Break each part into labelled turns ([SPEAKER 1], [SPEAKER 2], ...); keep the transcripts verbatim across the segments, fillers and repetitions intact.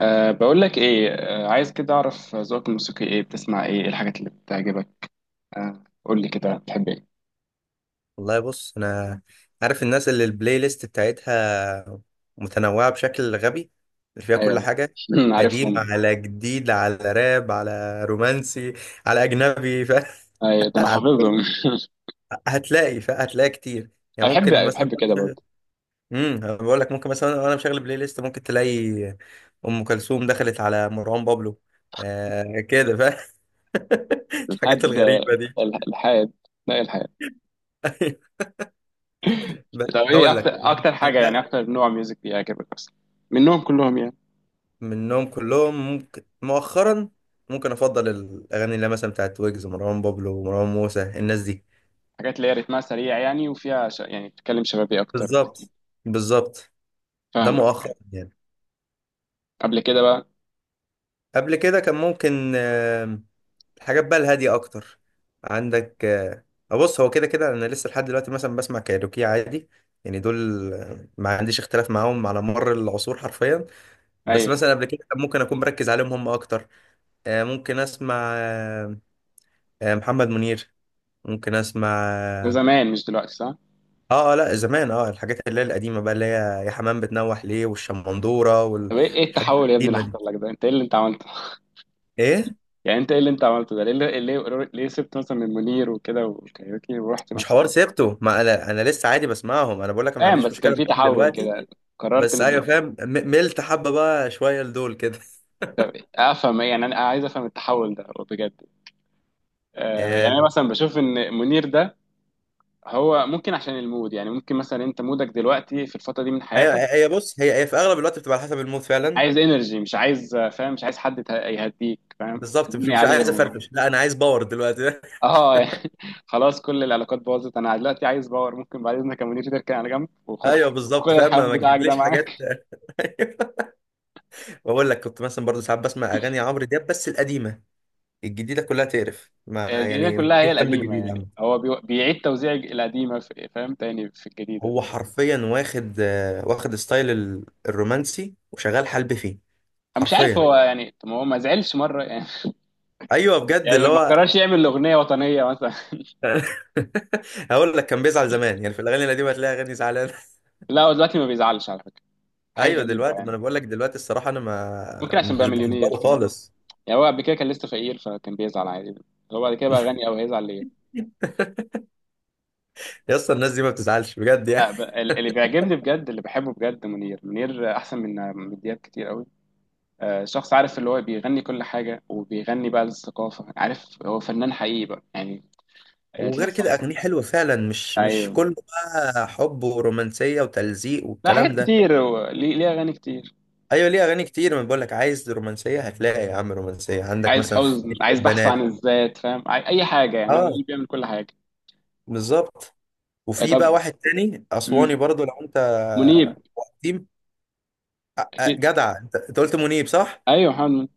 [SPEAKER 1] أه بقول لك ايه، أه عايز كده اعرف ذوقك الموسيقي، ايه بتسمع، ايه إيه الحاجات اللي بتعجبك؟ أه قول لي كده، بتحب ايه؟
[SPEAKER 2] والله بص انا عارف الناس اللي البلاي ليست بتاعتها متنوعة بشكل غبي، اللي فيها كل
[SPEAKER 1] ايوه.
[SPEAKER 2] حاجة، قديم
[SPEAKER 1] عارفهم.
[SPEAKER 2] على جديد على راب على رومانسي على اجنبي ف...
[SPEAKER 1] ايوه ده انا
[SPEAKER 2] على كل.
[SPEAKER 1] حافظهم.
[SPEAKER 2] هتلاقي ف... هتلاقي كتير.
[SPEAKER 1] انا
[SPEAKER 2] يعني
[SPEAKER 1] بحب
[SPEAKER 2] ممكن مثلا،
[SPEAKER 1] بحب كده برضه.
[SPEAKER 2] امم بقول لك ممكن مثلا وانا مشغل بلاي ليست ممكن تلاقي ام كلثوم دخلت على مروان بابلو. آه كده ف... الحاجات
[SPEAKER 1] لحد
[SPEAKER 2] الغريبة دي.
[SPEAKER 1] ال- الحاد. لا، إيه الحاد؟
[SPEAKER 2] بس
[SPEAKER 1] طب ايه
[SPEAKER 2] هقول
[SPEAKER 1] اكتر
[SPEAKER 2] لك يعني،
[SPEAKER 1] اكتر حاجه يعني، اكتر نوع ميوزك بيعجبك اصلا منهم كلهم يعني؟
[SPEAKER 2] منهم كلهم ممكن مؤخرا ممكن افضل الاغاني اللي هي مثلا بتاعت ويجز، مروان بابلو، مروان موسى، الناس دي.
[SPEAKER 1] حاجات اللي هي رتمها سريع يعني، وفيها ش... يعني بتتكلم شبابي اكتر.
[SPEAKER 2] بالظبط بالظبط. ده
[SPEAKER 1] فاهمك.
[SPEAKER 2] مؤخرا يعني.
[SPEAKER 1] قبل كده بقى؟
[SPEAKER 2] قبل كده كان ممكن آم، الحاجات بقى الهاديه اكتر. عندك آه، بص هو كده كده انا لسه لحد دلوقتي مثلا بسمع كايروكي عادي. يعني دول آه، ما عنديش اختلاف معاهم على مر العصور حرفيا. بس
[SPEAKER 1] ايوه.
[SPEAKER 2] مثلا قبل كده كان ممكن اكون مركز عليهم هم اكتر. آه، ممكن اسمع آه، آه، محمد منير، ممكن اسمع.
[SPEAKER 1] وزمان مش دلوقتي صح؟
[SPEAKER 2] اه اه لا، زمان اه الحاجات اللي هي القديمة بقى، اللي هي يا حمام بتنوح ليه والشمندورة وال-
[SPEAKER 1] طب ايه إيه
[SPEAKER 2] والحاجات
[SPEAKER 1] التحول يا ابني اللي
[SPEAKER 2] القديمة دي.
[SPEAKER 1] حصل لك ده، انت ايه اللي انت عملته؟
[SPEAKER 2] ايه
[SPEAKER 1] يعني انت ايه اللي انت عملته ده؟ ليه، ليه, ليه سبت مثلا من المنير وكده والكاريوكي ورحت
[SPEAKER 2] مش حوار
[SPEAKER 1] مثلا؟
[SPEAKER 2] سيرته، ما انا انا لسه عادي بسمعهم، انا بقول لك أنا ما
[SPEAKER 1] فاهم،
[SPEAKER 2] عنديش
[SPEAKER 1] بس كان
[SPEAKER 2] مشكلة
[SPEAKER 1] في
[SPEAKER 2] معاهم
[SPEAKER 1] تحول
[SPEAKER 2] دلوقتي.
[SPEAKER 1] كده. قررت
[SPEAKER 2] بس
[SPEAKER 1] ان
[SPEAKER 2] ايوه
[SPEAKER 1] دي-
[SPEAKER 2] فاهم، م- ملت حبة بقى شوية لدول كده.
[SPEAKER 1] افهم ايه يعني، انا عايز افهم التحول ده بجد. آه، يعني
[SPEAKER 2] آه
[SPEAKER 1] انا مثلا بشوف ان منير ده هو ممكن عشان المود، يعني ممكن مثلا انت مودك دلوقتي في الفتره دي من
[SPEAKER 2] ايوه،
[SPEAKER 1] حياتك
[SPEAKER 2] هي بص هي هي في اغلب الوقت بتبقى على حسب المود فعلا.
[SPEAKER 1] عايز انرجي، مش عايز، آه، فاهم، مش عايز حد ته- يهديك فاهم،
[SPEAKER 2] بالظبط، مش
[SPEAKER 1] تبني
[SPEAKER 2] مش
[SPEAKER 1] عليه
[SPEAKER 2] عايز
[SPEAKER 1] و...
[SPEAKER 2] افرفش، لا انا عايز باور دلوقتي.
[SPEAKER 1] اه. يعني خلاص كل العلاقات باظت، انا دلوقتي عايز باور. ممكن بعد اذنك يا منير تركن على جنب، وخد
[SPEAKER 2] ايوه
[SPEAKER 1] الح- خد
[SPEAKER 2] بالظبط فاهم، ما
[SPEAKER 1] الحمام
[SPEAKER 2] ما
[SPEAKER 1] بتاعك ده
[SPEAKER 2] تجيبليش حاجات.
[SPEAKER 1] معاك.
[SPEAKER 2] بقول لك كنت مثلا برضه ساعات بسمع اغاني عمرو دياب بس القديمة. الجديده كلها تقرف، ما
[SPEAKER 1] الجديدة
[SPEAKER 2] يعني ما
[SPEAKER 1] كلها
[SPEAKER 2] تجيش
[SPEAKER 1] هي
[SPEAKER 2] جنب
[SPEAKER 1] القديمة
[SPEAKER 2] الجديد يا عم.
[SPEAKER 1] يعني، هو بي- بيعيد توزيع الج- القديمة في- فاهم، تاني في الجديدة دي.
[SPEAKER 2] هو حرفيا واخد آه، واخد ستايل ال- الرومانسي وشغال حلب فيه
[SPEAKER 1] أنا مش عارف
[SPEAKER 2] حرفيا.
[SPEAKER 1] هو يعني، طب ما هو ما زعلش مرة يعني.
[SPEAKER 2] ايوه بجد
[SPEAKER 1] يعني
[SPEAKER 2] اللي
[SPEAKER 1] ما
[SPEAKER 2] هو،
[SPEAKER 1] قررش يعمل أغنية وطنية مثلا.
[SPEAKER 2] هقول لك كان بيزعل زمان، يعني في الاغاني القديمه هتلاقي اغاني زعلان.
[SPEAKER 1] لا هو دلوقتي ما بيزعلش على فكرة. حاجة
[SPEAKER 2] ايوه
[SPEAKER 1] غريبة
[SPEAKER 2] دلوقتي، ما
[SPEAKER 1] يعني.
[SPEAKER 2] انا بقول لك دلوقتي الصراحه انا ما
[SPEAKER 1] ممكن عشان بقى
[SPEAKER 2] مش
[SPEAKER 1] مليونير
[SPEAKER 2] بفضله
[SPEAKER 1] فاهم.
[SPEAKER 2] خالص.
[SPEAKER 1] يعني هو قبل كده كان لسه فقير، فكان بيزعل عادي. هو بعد كده بقى غني، أو هيزعل ليه؟
[SPEAKER 2] يا اسطى الناس دي ما بتزعلش بجد يعني.
[SPEAKER 1] لا ب- ال- اللي بيعجبني بجد، اللي بحبه بجد، منير. منير أحسن من من دياب كتير قوي. آه، شخص عارف، اللي هو بيغني كل حاجة، وبيغني بقى للثقافة، عارف، هو فنان حقيقي بقى يعني. آه، تلاقي
[SPEAKER 2] وغير كده
[SPEAKER 1] مثلا.
[SPEAKER 2] اغانيه حلوه فعلا، مش مش
[SPEAKER 1] ايوه.
[SPEAKER 2] كله بقى حب ورومانسيه وتلزيق
[SPEAKER 1] لا حاجات
[SPEAKER 2] والكلام ده.
[SPEAKER 1] كتير، هو ليه ليه اغاني كتير.
[SPEAKER 2] ايوه ليه اغاني كتير، ما بقول لك عايز رومانسيه هتلاقي يا عم رومانسيه، عندك
[SPEAKER 1] عايز
[SPEAKER 2] مثلا في
[SPEAKER 1] حزن،
[SPEAKER 2] عشق
[SPEAKER 1] عايز بحث عن
[SPEAKER 2] البنات.
[SPEAKER 1] الذات فاهم، عاي- اي حاجه يعني، هو
[SPEAKER 2] اه
[SPEAKER 1] منيب بيعمل كل حاجه.
[SPEAKER 2] بالظبط.
[SPEAKER 1] آه،
[SPEAKER 2] وفي بقى
[SPEAKER 1] طب.
[SPEAKER 2] واحد تاني اسواني
[SPEAKER 1] مم.
[SPEAKER 2] برضو لو انت.
[SPEAKER 1] منيب.
[SPEAKER 2] قديم، آه، آه،
[SPEAKER 1] اكيد.
[SPEAKER 2] جدع انت، أنت قلت منيب صح.
[SPEAKER 1] ايوه، محمد منيب.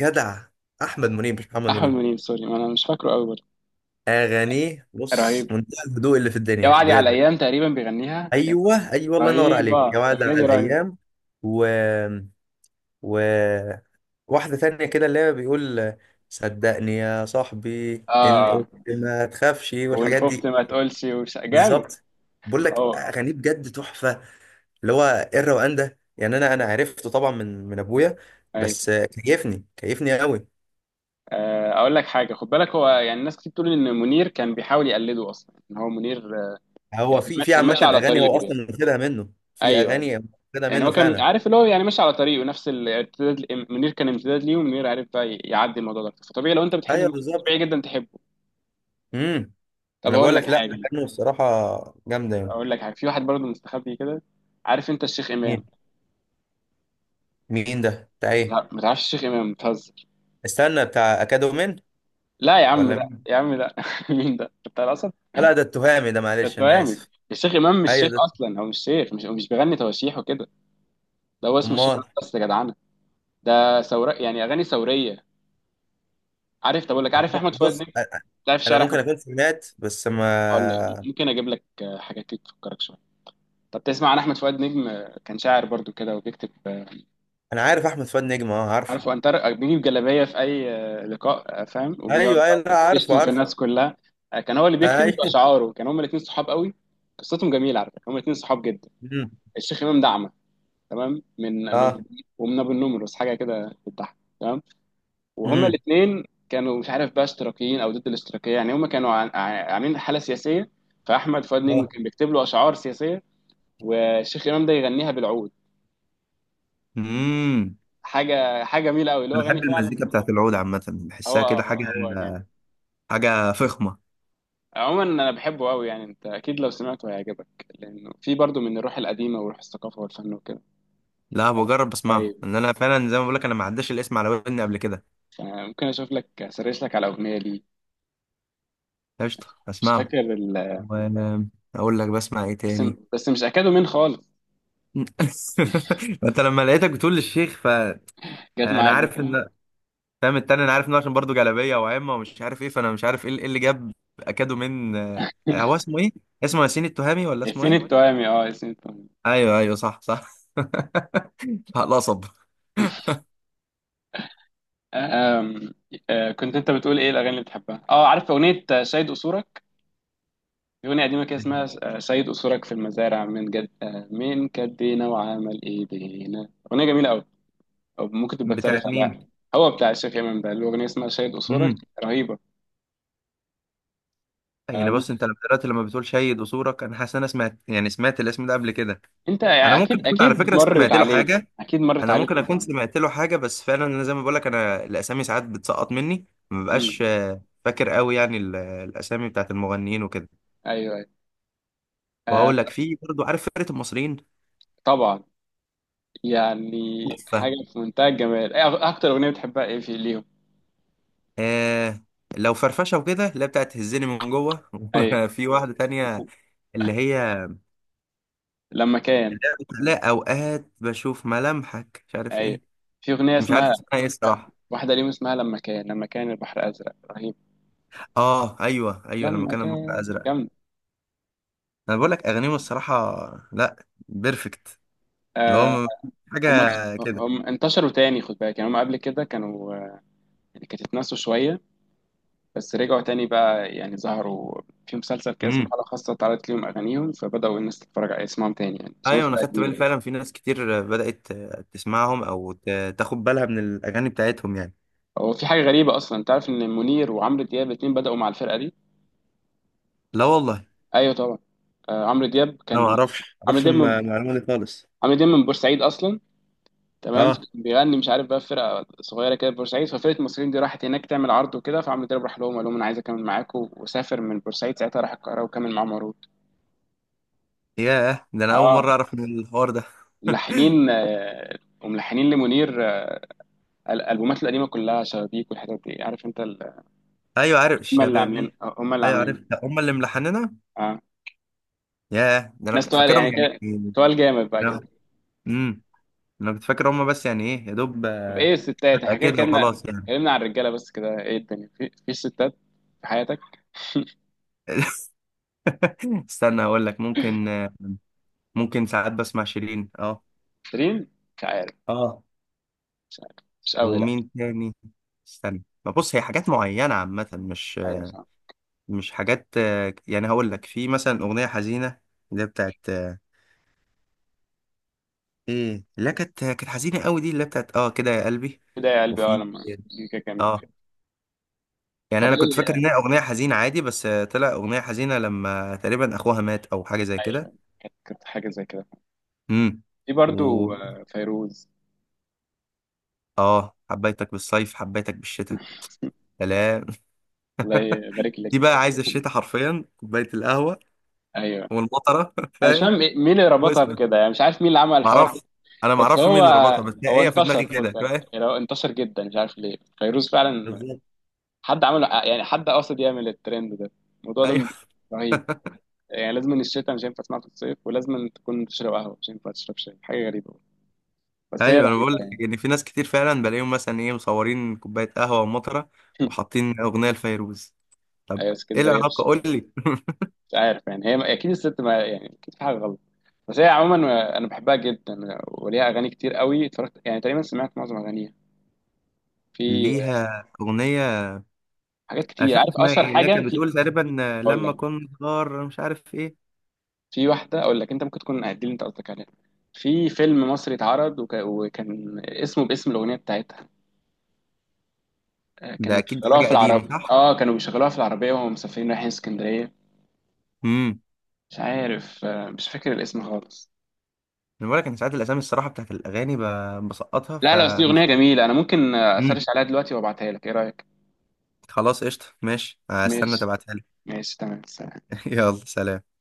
[SPEAKER 2] جدع، احمد منيب مش محمد
[SPEAKER 1] احمد
[SPEAKER 2] منيب.
[SPEAKER 1] منيب، سوري ما انا مش فاكره قوي برضه.
[SPEAKER 2] اغانيه بص
[SPEAKER 1] رهيب.
[SPEAKER 2] منتهى الهدوء اللي في
[SPEAKER 1] يا
[SPEAKER 2] الدنيا
[SPEAKER 1] وعدي على
[SPEAKER 2] بجد.
[SPEAKER 1] الايام، تقريبا بيغنيها يا.
[SPEAKER 2] ايوه ايوه، الله ينور عليك،
[SPEAKER 1] رهيبه
[SPEAKER 2] يا وعد
[SPEAKER 1] الاغنيه
[SPEAKER 2] على
[SPEAKER 1] دي، رهيبه.
[SPEAKER 2] الايام. و و واحده تانية كده اللي هي بيقول صدقني يا صاحبي ان
[SPEAKER 1] اه، اه.
[SPEAKER 2] قلت ما تخافش
[SPEAKER 1] وان
[SPEAKER 2] والحاجات
[SPEAKER 1] خفت
[SPEAKER 2] دي.
[SPEAKER 1] ما تقولش، وش... جامد.
[SPEAKER 2] بالظبط، بقول لك
[SPEAKER 1] هو،
[SPEAKER 2] اغانيه بجد تحفه. اللي هو ايه الروقان ده يعني، انا انا عرفته طبعا من من ابويا.
[SPEAKER 1] ايوه.
[SPEAKER 2] بس كيفني كيفني قوي.
[SPEAKER 1] آه، اقول لك حاجه، خد بالك، هو يعني الناس كتير بتقول ان منير كان بيحاول يقلده اصلا، ان هو منير، آه،
[SPEAKER 2] هو
[SPEAKER 1] يعني
[SPEAKER 2] في
[SPEAKER 1] كان
[SPEAKER 2] في
[SPEAKER 1] كان
[SPEAKER 2] عامه
[SPEAKER 1] ماشي على
[SPEAKER 2] اغاني هو
[SPEAKER 1] طريقه يعني.
[SPEAKER 2] اصلا واخدها منه. في
[SPEAKER 1] ايوه، أيوه.
[SPEAKER 2] اغاني هو واخدها
[SPEAKER 1] يعني
[SPEAKER 2] منه
[SPEAKER 1] هو كان
[SPEAKER 2] فعلا.
[SPEAKER 1] عارف اللي هو يعني ماشي على طريقه، نفس الامتداد. منير كان امتداد ليه، ومنير عارف بقى ي- يعدي الموضوع ده، فطبيعي لو انت بتحبه
[SPEAKER 2] ايوه
[SPEAKER 1] منير،
[SPEAKER 2] بالظبط.
[SPEAKER 1] طبيعي جدا تحبه.
[SPEAKER 2] امم،
[SPEAKER 1] طب
[SPEAKER 2] انا
[SPEAKER 1] هقول
[SPEAKER 2] بقول
[SPEAKER 1] لك
[SPEAKER 2] لك، لا
[SPEAKER 1] حاجه.
[SPEAKER 2] اغانيه الصراحه جامده يعني.
[SPEAKER 1] اقول لك حاجه، في واحد برضه مستخبي كده، عارف انت الشيخ
[SPEAKER 2] مين،
[SPEAKER 1] امام؟
[SPEAKER 2] مين ده بتاع ايه؟
[SPEAKER 1] لا ما تعرفش الشيخ امام، بتهزر.
[SPEAKER 2] استنى، بتاع اكادومين
[SPEAKER 1] لا يا عم
[SPEAKER 2] ولا
[SPEAKER 1] ده،
[SPEAKER 2] مين؟
[SPEAKER 1] يا عم ده. مين ده بتاع الاسد؟
[SPEAKER 2] لا ده التهامي، ده
[SPEAKER 1] انت
[SPEAKER 2] معلش انا
[SPEAKER 1] جامد،
[SPEAKER 2] اسف.
[SPEAKER 1] الشيخ امام مش
[SPEAKER 2] ايوه
[SPEAKER 1] شيخ
[SPEAKER 2] ده،
[SPEAKER 1] اصلا، هو مش شيخ، مش هو مش بيغني تواشيح وكده. ده هو اسمه الشيخ
[SPEAKER 2] امال.
[SPEAKER 1] امام بس يا جدعانه. ده ثوره يعني، اغاني ثوريه. عارف؟ طب اقول لك،
[SPEAKER 2] أنا
[SPEAKER 1] عارف احمد
[SPEAKER 2] م-
[SPEAKER 1] فؤاد
[SPEAKER 2] بص
[SPEAKER 1] نجم؟
[SPEAKER 2] أ-
[SPEAKER 1] تعرف
[SPEAKER 2] انا
[SPEAKER 1] شعر
[SPEAKER 2] ممكن
[SPEAKER 1] احمد؟
[SPEAKER 2] اكون سمعت بس
[SPEAKER 1] هقول لك،
[SPEAKER 2] ما.
[SPEAKER 1] ممكن اجيب لك حاجات كده تفكرك شويه. طب تسمع عن احمد فؤاد نجم؟ آه، كان شاعر برضو كده، وبيكتب، آه،
[SPEAKER 2] انا عارف احمد فؤاد نجم، اه عارفه.
[SPEAKER 1] عارف، هو انتر بيجيب جلابيه في اي آه، لقاء، آه، فاهم، وبيقعد
[SPEAKER 2] ايوه ايوه، لا
[SPEAKER 1] بقى
[SPEAKER 2] عارفه
[SPEAKER 1] يشتم في
[SPEAKER 2] عارفه.
[SPEAKER 1] الناس كلها. آه، كان هو اللي بيكتب
[SPEAKER 2] ايوه.
[SPEAKER 1] اشعاره، كان هما الاثنين صحاب قوي. قصتهم جميله على فكره، هما الاثنين صحاب جدا.
[SPEAKER 2] امم.
[SPEAKER 1] الشيخ امام دعمه تمام، من من
[SPEAKER 2] اه.
[SPEAKER 1] ومن ابو النمرس، حاجه كده بتضحك تمام. وهما
[SPEAKER 2] امم.
[SPEAKER 1] الاثنين كانوا مش عارف بقى اشتراكيين او ضد الاشتراكيه يعني، هما كانوا عن- عن- عاملين حاله سياسيه. فاحمد فؤاد نجم
[SPEAKER 2] اه.
[SPEAKER 1] كان بيكتب له اشعار سياسيه، والشيخ امام ده يغنيها بالعود.
[SPEAKER 2] امم.
[SPEAKER 1] حاجه حاجه جميله قوي، اللي هو
[SPEAKER 2] انا
[SPEAKER 1] غني
[SPEAKER 2] بحب المزيكا
[SPEAKER 1] فعلا.
[SPEAKER 2] بتاعت العود عامه،
[SPEAKER 1] هو،
[SPEAKER 2] بحسها كده
[SPEAKER 1] آه،
[SPEAKER 2] حاجه،
[SPEAKER 1] هو جامد.
[SPEAKER 2] حاجه فخمه.
[SPEAKER 1] عموما انا بحبه قوي يعني، انت اكيد لو سمعته هيعجبك، لانه في برضه من الروح القديمه، وروح الثقافه والفن وكده.
[SPEAKER 2] لا بجرب بسمعه،
[SPEAKER 1] طيب.
[SPEAKER 2] ان انا فعلا زي ما بقول لك انا ما عداش الاسم على ودني قبل كده.
[SPEAKER 1] آه، ممكن اشوف لك، اسرش لك على اغنيه ليه.
[SPEAKER 2] قشطه،
[SPEAKER 1] مش
[SPEAKER 2] اسمعه
[SPEAKER 1] فاكر ال...
[SPEAKER 2] واقول لك بسمع ايه
[SPEAKER 1] بس
[SPEAKER 2] تاني.
[SPEAKER 1] بس مش اكادو مين خالص.
[SPEAKER 2] انت لما لقيتك بتقول للشيخ، فانا
[SPEAKER 1] جت معايا.
[SPEAKER 2] عارف ان، فاهم التاني انا عارف انه عشان برضه جلابيه وعمه ومش عارف ايه، فانا مش عارف ايه اللي إيه اللي جاب اكادو من آه، هو اسمه ايه؟ اسمه ياسين التهامي ولا اسمه
[SPEAKER 1] ياسين
[SPEAKER 2] ايه؟
[SPEAKER 1] التوامي، اه، ياسين التوامي.
[SPEAKER 2] ايوه ايوه صح صح. القصب.
[SPEAKER 1] آه، آم، آه، كنت انت بتقول ايه الاغاني اللي بتحبها، اه عارف اغنيه شاهد قصورك، أغنية قديمة كده اسمها، آه، سيد أسرك في المزارع من جد، آه، من كدينا وعمل إيدينا، أغنية جميلة أوي. أو ممكن تبقى تسرش
[SPEAKER 2] بتاعت مين؟
[SPEAKER 1] عليها. هو بتاع الشيخ إمام ده، الأغنية اسمها سيد أسرك.
[SPEAKER 2] امم،
[SPEAKER 1] رهيبة. آه،
[SPEAKER 2] يعني بص
[SPEAKER 1] ممكن.
[SPEAKER 2] انت لما دلوقتي لما بتقول شيد وصورك، انا حاسس إن انا سمعت، يعني سمعت الاسم ده قبل كده.
[SPEAKER 1] أنت يعني،
[SPEAKER 2] انا ممكن
[SPEAKER 1] أكيد
[SPEAKER 2] اكون على
[SPEAKER 1] أكيد
[SPEAKER 2] فكره
[SPEAKER 1] مرت
[SPEAKER 2] سمعت له
[SPEAKER 1] عليك،
[SPEAKER 2] حاجه.
[SPEAKER 1] أكيد مرت
[SPEAKER 2] انا
[SPEAKER 1] عليك
[SPEAKER 2] ممكن
[SPEAKER 1] أنت.
[SPEAKER 2] اكون سمعت له حاجه، بس فعلا انا زي ما بقول لك، انا الاسامي ساعات بتسقط مني، ما ببقاش
[SPEAKER 1] امم
[SPEAKER 2] آه، فاكر قوي يعني ال- الاسامي بتاعت المغنيين وكده.
[SPEAKER 1] أيوه، أيوه. آه،
[SPEAKER 2] وهقول لك في برضه، عارف فرقه المصريين؟
[SPEAKER 1] طبعا يعني.
[SPEAKER 2] تحفة.
[SPEAKER 1] حاجة في منتهى الجمال. إيه أغ- أكتر أغنية بتحبها إيه في ليهم؟
[SPEAKER 2] آه، لو فرفشة وكده اللي هي بتاعت تهزني من جوه.
[SPEAKER 1] أيوه.
[SPEAKER 2] في واحدة تانية، اللي هي،
[SPEAKER 1] لما كان.
[SPEAKER 2] اللي هي بتقول لا أوقات بشوف ملامحك مش عارف
[SPEAKER 1] أيوه،
[SPEAKER 2] إيه.
[SPEAKER 1] في أغنية
[SPEAKER 2] مش عارف
[SPEAKER 1] اسمها،
[SPEAKER 2] اسمها إيه الصراحة.
[SPEAKER 1] واحدة ليهم اسمها لما كان، لما كان البحر أزرق، رهيبة.
[SPEAKER 2] آه أيوه أيوه، لما
[SPEAKER 1] لما
[SPEAKER 2] كان البحر
[SPEAKER 1] كان
[SPEAKER 2] أزرق.
[SPEAKER 1] جامد.
[SPEAKER 2] أنا بقول لك أغانيهم الصراحة، لا بيرفكت. اللي هو،
[SPEAKER 1] آه،
[SPEAKER 2] م- حاجة
[SPEAKER 1] هم.
[SPEAKER 2] كده.
[SPEAKER 1] هم انتشروا تاني خد بالك، يعني هم قبل كده كانوا، آه، يعني كانت اتنسوا شوية، بس رجعوا تاني بقى يعني ظهروا في مسلسل كده اسمه
[SPEAKER 2] امم.
[SPEAKER 1] حالة خاصة، اتعرضت ليهم أغانيهم، فبدأوا الناس تتفرج على اسمهم تاني يعني، بس هم
[SPEAKER 2] أيوه أنا
[SPEAKER 1] فرقة
[SPEAKER 2] خدت بالي
[SPEAKER 1] جميلة.
[SPEAKER 2] فعلا، في ناس كتير بدأت تسمعهم أو ت- تاخد بالها من الأغاني بتاعتهم يعني.
[SPEAKER 1] هو في حاجة غريبة أصلا، أنت عارف إن منير وعمرو دياب الاتنين بدأوا مع الفرقة دي؟
[SPEAKER 2] لا والله،
[SPEAKER 1] أيوه طبعا. آه، عمرو دياب
[SPEAKER 2] أنا ما
[SPEAKER 1] كان،
[SPEAKER 2] أعرفش ما
[SPEAKER 1] عمرو
[SPEAKER 2] أعرفش
[SPEAKER 1] دياب
[SPEAKER 2] الم-
[SPEAKER 1] من...
[SPEAKER 2] المعلومة دي خالص.
[SPEAKER 1] عمرو دياب من بورسعيد أصلا. تمام، فكان
[SPEAKER 2] اه.
[SPEAKER 1] بيغني مش عارف بقى في فرقه صغيره كده في بورسعيد، ففرقه المصريين دي راحت هناك تعمل عرض وكده، فعمرو دياب راح لهم قال لهم انا عايز اكمل معاكم، وسافر من بورسعيد ساعتها، راح القاهره وكمل معاهم عروض.
[SPEAKER 2] ياه ده انا اول مره
[SPEAKER 1] اه.
[SPEAKER 2] اعرف، من الحوار ده.
[SPEAKER 1] وملحنين آه، وملحنين لمنير، آه، ال- البومات القديمه كلها شبابيك والحاجات دي، عارف انت ال-
[SPEAKER 2] ايوه عارف
[SPEAKER 1] هم اللي عاملين،
[SPEAKER 2] الشبابي.
[SPEAKER 1] آه، هم اللي
[SPEAKER 2] ايوه عارف،
[SPEAKER 1] عاملين
[SPEAKER 2] ده هم اللي ملحننا.
[SPEAKER 1] اه،
[SPEAKER 2] ياه ده انا
[SPEAKER 1] ناس
[SPEAKER 2] كنت
[SPEAKER 1] تقال
[SPEAKER 2] فاكرهم
[SPEAKER 1] يعني كده،
[SPEAKER 2] يعني.
[SPEAKER 1] تقال جامد بقى كده.
[SPEAKER 2] امم، انا كنت فاكر هم بس يعني ايه يا دوب،
[SPEAKER 1] طب
[SPEAKER 2] آه،
[SPEAKER 1] ايه الستات؟
[SPEAKER 2] حلقة
[SPEAKER 1] احنا كده
[SPEAKER 2] كده
[SPEAKER 1] اتكلمنا،
[SPEAKER 2] وخلاص يعني.
[SPEAKER 1] اتكلمنا عن الرجاله بس كده، ايه الدنيا في في ستات في حياتك؟
[SPEAKER 2] استنى هقول لك ممكن، آه، ممكن ساعات بسمع شيرين اه.
[SPEAKER 1] شيرين. مش عارف.
[SPEAKER 2] اه.
[SPEAKER 1] مش عارف، مش قوي، لا.
[SPEAKER 2] ومين تاني؟ استنى، ما بص هي حاجات معينة عامة، مش
[SPEAKER 1] ايوه،
[SPEAKER 2] مش حاجات آه، يعني. هقول لك في مثلا أغنية حزينة، اللي هي بتاعت آه، ايه، لا كانت كانت حزينة قوي دي، اللي هي بتاعت اه كده يا قلبي.
[SPEAKER 1] كده يا قلبي، اه
[SPEAKER 2] وفي
[SPEAKER 1] لما.
[SPEAKER 2] يعني،
[SPEAKER 1] دي كده جميل.
[SPEAKER 2] اه يعني
[SPEAKER 1] طب
[SPEAKER 2] انا كنت فاكر
[SPEAKER 1] ايه.
[SPEAKER 2] انها اغنيه حزينه عادي بس آه، طلع اغنيه حزينه لما تقريبا اخوها مات او حاجه زي كده.
[SPEAKER 1] ايوه، كانت كانت حاجه زي كده.
[SPEAKER 2] امم.
[SPEAKER 1] في
[SPEAKER 2] و،
[SPEAKER 1] برضو، آه، فيروز.
[SPEAKER 2] اه، حبيتك بالصيف حبيتك بالشتاء، سلام.
[SPEAKER 1] الله يبارك لك.
[SPEAKER 2] دي بقى عايزه الشتاء حرفيا كوبايه القهوه
[SPEAKER 1] ايوه،
[SPEAKER 2] والمطره،
[SPEAKER 1] انا مش
[SPEAKER 2] فاهم.
[SPEAKER 1] فاهم إيه- مين اللي ربطها
[SPEAKER 2] واسمع،
[SPEAKER 1] بكده يعني، مش عارف مين اللي عمل الحوار ده.
[SPEAKER 2] معرفش، انا
[SPEAKER 1] بس
[SPEAKER 2] معرفش مين
[SPEAKER 1] هو،
[SPEAKER 2] اللي ربطها، بس
[SPEAKER 1] هو
[SPEAKER 2] هي هي في دماغي
[SPEAKER 1] انتشر خد
[SPEAKER 2] كده،
[SPEAKER 1] بالك،
[SPEAKER 2] فاهم.
[SPEAKER 1] يعني هو انتشر جدا مش عارف ليه، فيروز فعلا.
[SPEAKER 2] بالظبط
[SPEAKER 1] حد عمل يعني، حد قاصد يعمل الترند ده، الموضوع ده.
[SPEAKER 2] ايوه.
[SPEAKER 1] رهيب. يعني لازم إن الشتاء، مش هينفع تسمعها في الصيف، ولازم تكون تشرب قهوه، مش هينفع تشرب شاي، حاجه غريبه. بس هي
[SPEAKER 2] ايوه انا
[SPEAKER 1] رهيبه
[SPEAKER 2] بقول لك
[SPEAKER 1] يعني.
[SPEAKER 2] ان في ناس كتير فعلا بلاقيهم مثلا ايه، مصورين كوبايه قهوه ومطره وحاطين اغنيه لفيروز. طب
[SPEAKER 1] ايوه،
[SPEAKER 2] ايه
[SPEAKER 1] اسكندريه.
[SPEAKER 2] العلاقه قول لي؟
[SPEAKER 1] مش عارف يعني، هي اكيد الست، ما يعني اكيد في حاجه غلط، بس هي عموما انا بحبها جدا، وليها اغاني كتير قوي، اتفرجت يعني تقريبا سمعت معظم اغانيها. في
[SPEAKER 2] ليها أغنية
[SPEAKER 1] حاجات
[SPEAKER 2] مش
[SPEAKER 1] كتير،
[SPEAKER 2] فاكر
[SPEAKER 1] عارف
[SPEAKER 2] اسمها
[SPEAKER 1] اشهر
[SPEAKER 2] إيه اللي هي
[SPEAKER 1] حاجه
[SPEAKER 2] كانت
[SPEAKER 1] في.
[SPEAKER 2] بتقول تقريبا آه،
[SPEAKER 1] اقول
[SPEAKER 2] لما
[SPEAKER 1] لك،
[SPEAKER 2] كنت صغار مش عارف إيه.
[SPEAKER 1] في واحده، اقول لك انت ممكن تكون دي اللي انت قصدك عليها. في فيلم مصري اتعرض وك... وكان اسمه باسم الاغنيه بتاعتها، آه،
[SPEAKER 2] ده
[SPEAKER 1] كانوا
[SPEAKER 2] أكيد
[SPEAKER 1] بيشغلوها
[SPEAKER 2] حاجة
[SPEAKER 1] في
[SPEAKER 2] قديمة
[SPEAKER 1] العرب
[SPEAKER 2] صح؟
[SPEAKER 1] اه كانوا بيشغلوها في العربيه وهم مسافرين رايحين اسكندريه.
[SPEAKER 2] امم.
[SPEAKER 1] مش عارف، آه، مش فاكر الاسم خالص.
[SPEAKER 2] أنا بقولك أنا ساعات الأسامي الصراحة بتاعت الأغاني، ب- بسقطها
[SPEAKER 1] لا، لا، بس دي اغنيه
[SPEAKER 2] فمش.
[SPEAKER 1] جميله، انا ممكن، آه، اسرش
[SPEAKER 2] امم،
[SPEAKER 1] عليها دلوقتي وابعتها لك، ايه رايك؟
[SPEAKER 2] خلاص قشطة ماشي هستنى
[SPEAKER 1] ماشي.
[SPEAKER 2] تبعتها لي.
[SPEAKER 1] ماشي تمام.
[SPEAKER 2] يلا سلام.